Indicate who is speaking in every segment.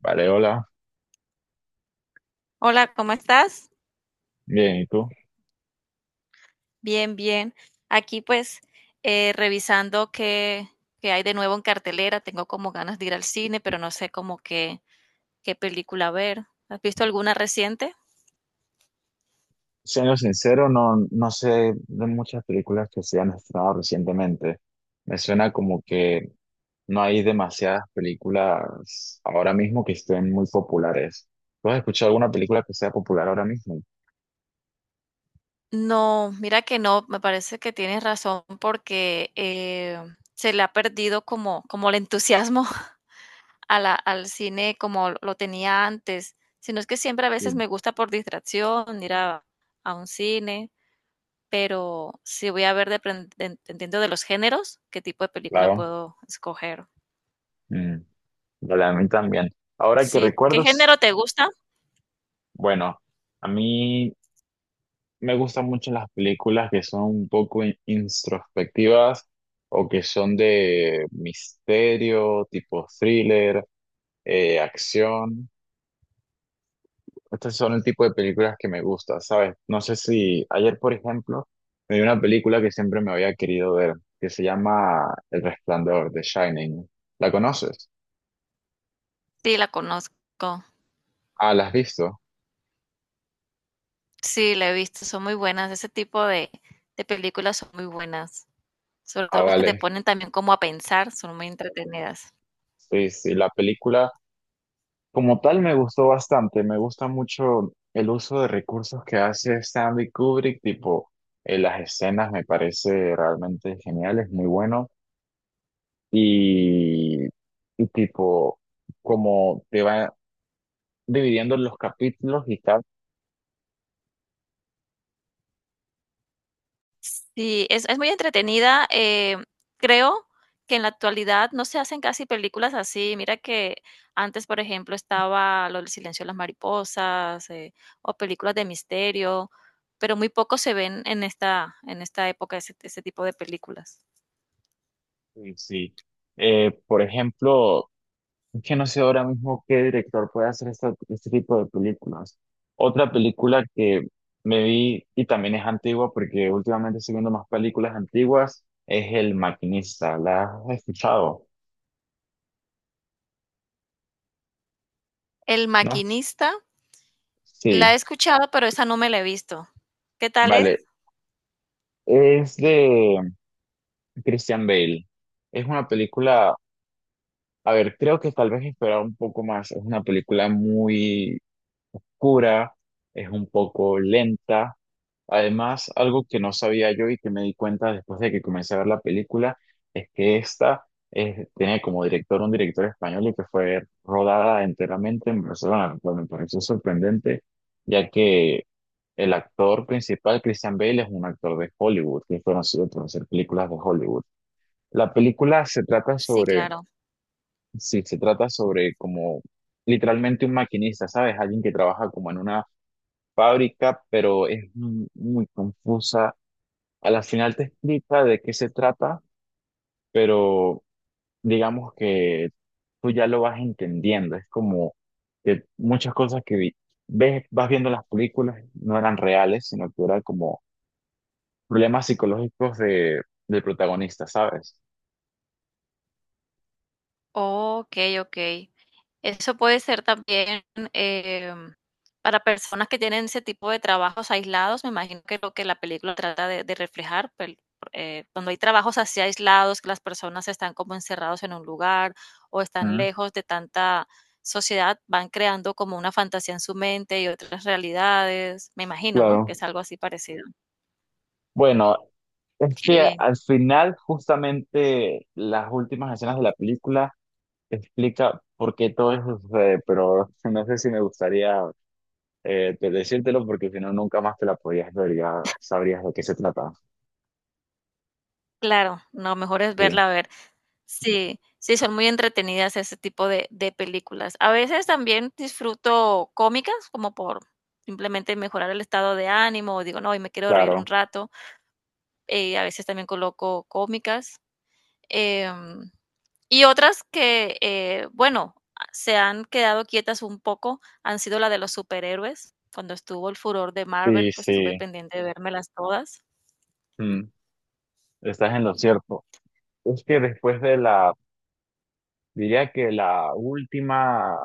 Speaker 1: Vale, hola.
Speaker 2: Hola, ¿cómo estás?
Speaker 1: Bien, ¿y tú?
Speaker 2: Bien, bien. Aquí pues revisando qué hay de nuevo en cartelera. Tengo como ganas de ir al cine, pero no sé como qué película ver. ¿Has visto alguna reciente?
Speaker 1: Siendo sincero, no, no sé de muchas películas que se han estrenado recientemente. Me suena como que no hay demasiadas películas ahora mismo que estén muy populares. ¿Tú has escuchado alguna película que sea popular ahora mismo?
Speaker 2: No, mira que no, me parece que tienes razón porque se le ha perdido como el entusiasmo al cine como lo tenía antes. Sino es que siempre a veces
Speaker 1: Sí,
Speaker 2: me gusta por distracción ir a un cine. Pero sí voy a ver dependiendo de los géneros, qué tipo de película
Speaker 1: claro.
Speaker 2: puedo escoger.
Speaker 1: Mm, vale, a mí también. Ahora que
Speaker 2: Sí, ¿qué
Speaker 1: recuerdos,
Speaker 2: género te gusta?
Speaker 1: bueno, a mí me gustan mucho las películas que son un poco introspectivas o que son de misterio, tipo thriller, acción. Estos son el tipo de películas que me gusta, ¿sabes? No sé si ayer, por ejemplo, me vi una película que siempre me había querido ver, que se llama El Resplandor, The Shining. ¿La conoces?
Speaker 2: Sí, la conozco.
Speaker 1: Ah, ¿la has visto?
Speaker 2: Sí, la he visto, son muy buenas. Ese tipo de películas son muy buenas. Sobre
Speaker 1: Ah,
Speaker 2: todo los que te
Speaker 1: vale.
Speaker 2: ponen también como a pensar, son muy entretenidas.
Speaker 1: Sí, sí, la película. Como tal, me gustó bastante. Me gusta mucho el uso de recursos que hace Stanley Kubrick, tipo las escenas me parece realmente genial, es muy bueno. Y, y tipo, como te va dividiendo los capítulos y tal.
Speaker 2: Sí, es muy entretenida. Creo que en la actualidad no se hacen casi películas así. Mira que antes, por ejemplo, estaba lo del silencio de las mariposas, o películas de misterio, pero muy poco se ven en esta época ese tipo de películas.
Speaker 1: Y sí. Por ejemplo, que no sé ahora mismo qué director puede hacer este tipo de películas. Otra película que me vi y también es antigua porque últimamente estoy viendo más películas antiguas es El Maquinista. ¿La has escuchado?
Speaker 2: El
Speaker 1: ¿No?
Speaker 2: maquinista, la he
Speaker 1: Sí,
Speaker 2: escuchado, pero esa no me la he visto. ¿Qué tal es?
Speaker 1: vale. Es de Christian Bale. Es una película, a ver, creo que tal vez esperaba un poco más. Es una película muy oscura, es un poco lenta. Además, algo que no sabía yo y que me di cuenta después de que comencé a ver la película es que esta tiene como director un director español y que fue rodada enteramente en Barcelona, lo cual me pareció sorprendente, ya que el actor principal, Christian Bale, es un actor de Hollywood, que es conocido por hacer películas de Hollywood. La película se trata
Speaker 2: Sí,
Speaker 1: sobre,
Speaker 2: claro.
Speaker 1: sí, se trata sobre como literalmente un maquinista, ¿sabes? Alguien que trabaja como en una fábrica, pero es muy confusa. A la final te explica de qué se trata, pero digamos que tú ya lo vas entendiendo. Es como que muchas cosas que ves, vas viendo en las películas no eran reales, sino que eran como problemas psicológicos de, del protagonista, ¿sabes?
Speaker 2: Okey, okey. Eso puede ser también, em, para personas que tienen ese tipo de trabajos aislados, me imagino que lo que la película trata de reflejar, pel cuando hay trabajos así aislados, que las personas están como encerrados en un lugar o están
Speaker 1: Mm,
Speaker 2: lejos de tanta sociedad, van creando como una fantasía en su mente y otras realidades. Me imagino, ¿no?, que
Speaker 1: claro.
Speaker 2: es algo así parecido.
Speaker 1: Bueno, es
Speaker 2: Qué
Speaker 1: que
Speaker 2: bien.
Speaker 1: al final, justamente las últimas escenas de la película explica por qué todo eso sucede, pero no sé si me gustaría decírtelo porque si no nunca más te la podías ver, ya sabrías de qué se trata.
Speaker 2: Claro, no, mejor es
Speaker 1: Sí,
Speaker 2: verla, a ver. Sí, sí, son muy entretenidas ese tipo de películas. A veces también disfruto cómicas, como por simplemente mejorar el estado de ánimo, o digo: "No, hoy me quiero reír un
Speaker 1: claro.
Speaker 2: rato", a veces también coloco cómicas, em, y otras que, bueno, ah, se han quedado quietas un poco, han sido la de los superhéroes. Cuando estuvo el furor de Marvel,
Speaker 1: Sí,
Speaker 2: pues, estuve
Speaker 1: sí.
Speaker 2: pendiente de vérmelas todas.
Speaker 1: Mm, estás en lo cierto. Es que después de la, diría que la última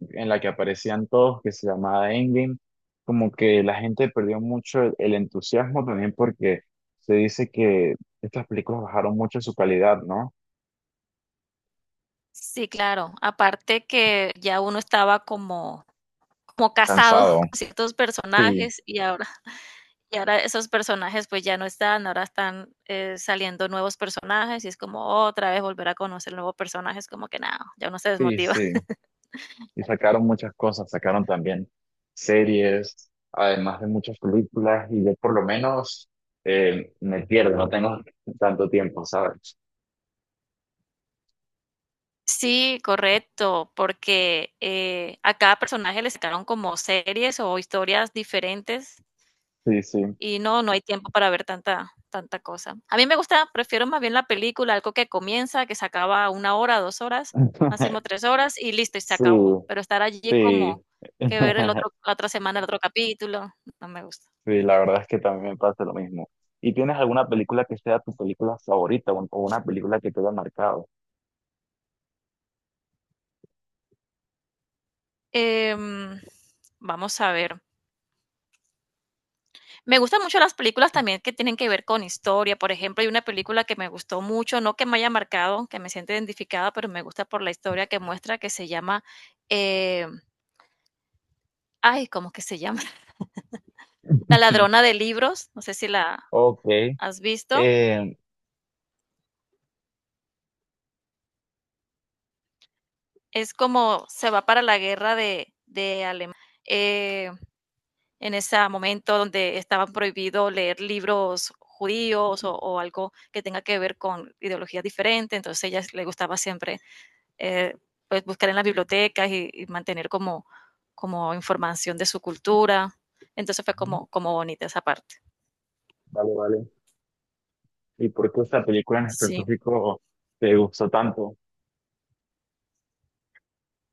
Speaker 1: en la que aparecían todos, que se llamaba Endgame, como que la gente perdió mucho el entusiasmo también porque se dice que estas películas bajaron mucho su calidad, ¿no?
Speaker 2: Sí, claro, aparte que ya uno estaba como como casado
Speaker 1: Cansado.
Speaker 2: con ciertos
Speaker 1: Sí,
Speaker 2: personajes y ahora esos personajes pues ya no están, ahora están saliendo nuevos personajes y es como otra vez volver a conocer nuevos personajes, como que nada, ya uno se
Speaker 1: sí,
Speaker 2: desmotiva.
Speaker 1: sí. Y sacaron muchas cosas, sacaron también series, además de muchas películas, y yo por lo menos me pierdo, no tengo tanto tiempo, ¿sabes?
Speaker 2: Sí, correcto, porque a cada personaje le sacaron como series o historias diferentes.
Speaker 1: Sí, sí.
Speaker 2: Y no, no hay tiempo para ver tanta tanta cosa. A mí me gusta, prefiero más bien la película, algo que comienza, que se acaba una hora, dos horas, máximo tres horas y listo, y se
Speaker 1: Sí,
Speaker 2: acabó. Pero estar allí
Speaker 1: sí.
Speaker 2: como que ver el otro, la otra semana, el otro capítulo, no me gusta.
Speaker 1: Sí, la verdad es que también me pasa lo mismo. ¿Y tienes alguna película que sea tu película favorita o una película que te haya marcado?
Speaker 2: Em, Vamos a ver. Me gustan mucho las películas también que tienen que ver con historia. Por ejemplo, hay una película que me gustó mucho, no que me haya marcado, que me siente identificada, pero me gusta por la historia que muestra, que se llama, eh, ay, ¿cómo que se llama? La ladrona de libros, no sé si la
Speaker 1: Ok.
Speaker 2: has visto,
Speaker 1: eh,
Speaker 2: es como se va para la guerra de Alemania. eh, en ese momento donde estaban prohibidos leer libros judíos o algo que tenga que ver con ideologías diferentes, entonces a ella le gustaba siempre eh, pues buscar en las bibliotecas y mantener como información de su cultura, entonces fue como bonita esa parte.
Speaker 1: vale, vale. ¿Y por qué esta película en
Speaker 2: Sí.
Speaker 1: específico te gustó tanto?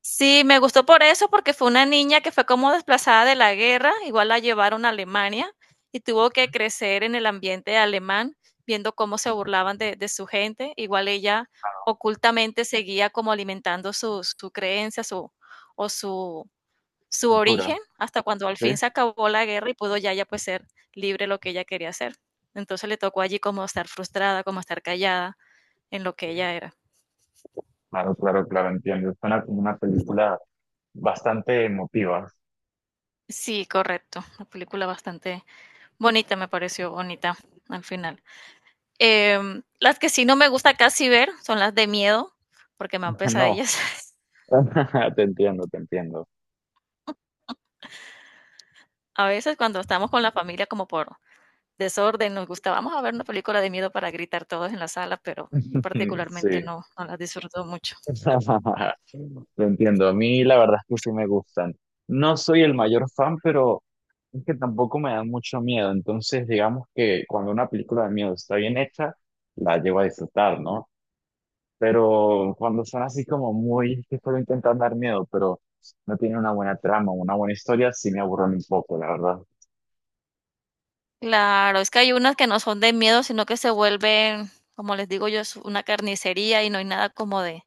Speaker 2: Sí, me gustó por eso, porque fue una niña que fue como desplazada de la guerra, igual la llevaron a Alemania y tuvo que crecer en el ambiente alemán, viendo cómo se burlaban de su gente. Igual ella ocultamente seguía como alimentando su creencia, su, o su, su
Speaker 1: Cultura,
Speaker 2: origen, hasta cuando al fin se acabó la guerra y pudo ya, ya pues ser libre lo que ella quería hacer. Entonces le tocó allí como estar frustrada, como estar callada en lo que
Speaker 1: ¿sí?
Speaker 2: ella era.
Speaker 1: Claro, claro, claro, entiendo. Suena como una película bastante emotiva.
Speaker 2: Sí, correcto. Una película bastante bonita, me pareció bonita al final. Las que sí no me gusta casi ver son las de miedo, porque me dan
Speaker 1: No,
Speaker 2: pesadillas.
Speaker 1: te entiendo, te entiendo.
Speaker 2: A veces cuando estamos con la familia como por desorden, nos gusta, vamos a ver una película de miedo para gritar todos en la sala, pero yo particularmente
Speaker 1: Sí.
Speaker 2: no, no las disfruto mucho.
Speaker 1: lo entiendo. A mí la verdad es que sí me gustan. No soy el mayor fan, pero es que tampoco me da mucho miedo. Entonces, digamos que cuando una película de miedo está bien hecha, la llevo a disfrutar, ¿no? Pero cuando son así como muy, que solo intentan dar miedo, pero no tienen una buena trama, una buena historia, sí me aburren un poco, la verdad.
Speaker 2: Claro, es que hay unas que no son de miedo, sino que se vuelven, como les digo yo, es una carnicería y no hay nada como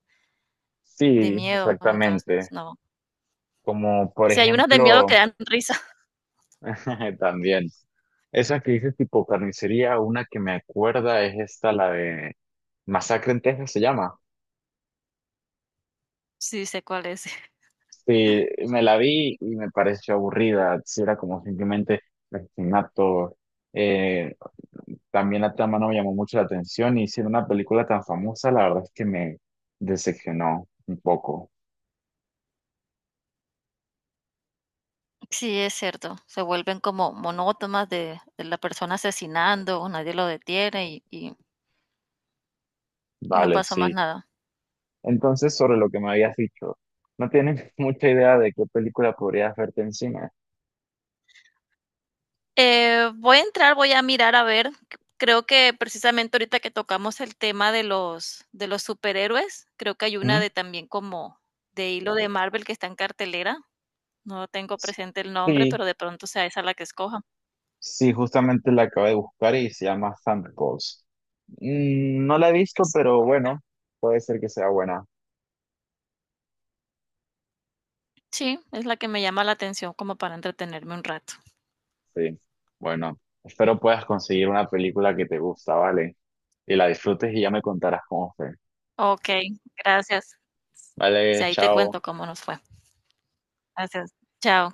Speaker 2: de
Speaker 1: Sí,
Speaker 2: miedo, entonces
Speaker 1: exactamente.
Speaker 2: no.
Speaker 1: Como por
Speaker 2: Si hay unas de miedo que
Speaker 1: ejemplo,
Speaker 2: dan risa,
Speaker 1: también, esa que dices tipo carnicería, una que me acuerda es esta, la de Masacre en Texas se llama.
Speaker 2: sí sé cuál es.
Speaker 1: Sí, me la vi y me pareció aburrida, sí era como simplemente asesinato. Eh, también la trama no me llamó mucho la atención y siendo una película tan famosa, la verdad es que me decepcionó un poco.
Speaker 2: Sí, es cierto, se vuelven como monótonas de la persona asesinando, nadie lo detiene y no
Speaker 1: Vale,
Speaker 2: pasa más
Speaker 1: sí.
Speaker 2: nada.
Speaker 1: Entonces, sobre lo que me habías dicho, no tienes mucha idea de qué película podrías verte encima.
Speaker 2: Voy a entrar, voy a mirar a ver. Creo que precisamente ahorita que tocamos el tema de los superhéroes, creo que hay una
Speaker 1: ¿Mm?
Speaker 2: de también como de hilo de Marvel que está en cartelera. No tengo presente el nombre,
Speaker 1: Sí,
Speaker 2: pero de pronto sea esa la que escoja.
Speaker 1: sí, justamente la acabé de buscar y se llama Thunderbolts. Mm, no la he visto, pero bueno, puede ser que sea buena.
Speaker 2: Sí, es la que me llama la atención como para entretenerme un rato.
Speaker 1: Sí, bueno, espero puedas conseguir una película que te gusta, ¿vale? Y la disfrutes y ya me contarás cómo fue.
Speaker 2: Ok, gracias. Si
Speaker 1: Vale,
Speaker 2: ahí te
Speaker 1: chao.
Speaker 2: cuento cómo nos fue. Gracias. Chao.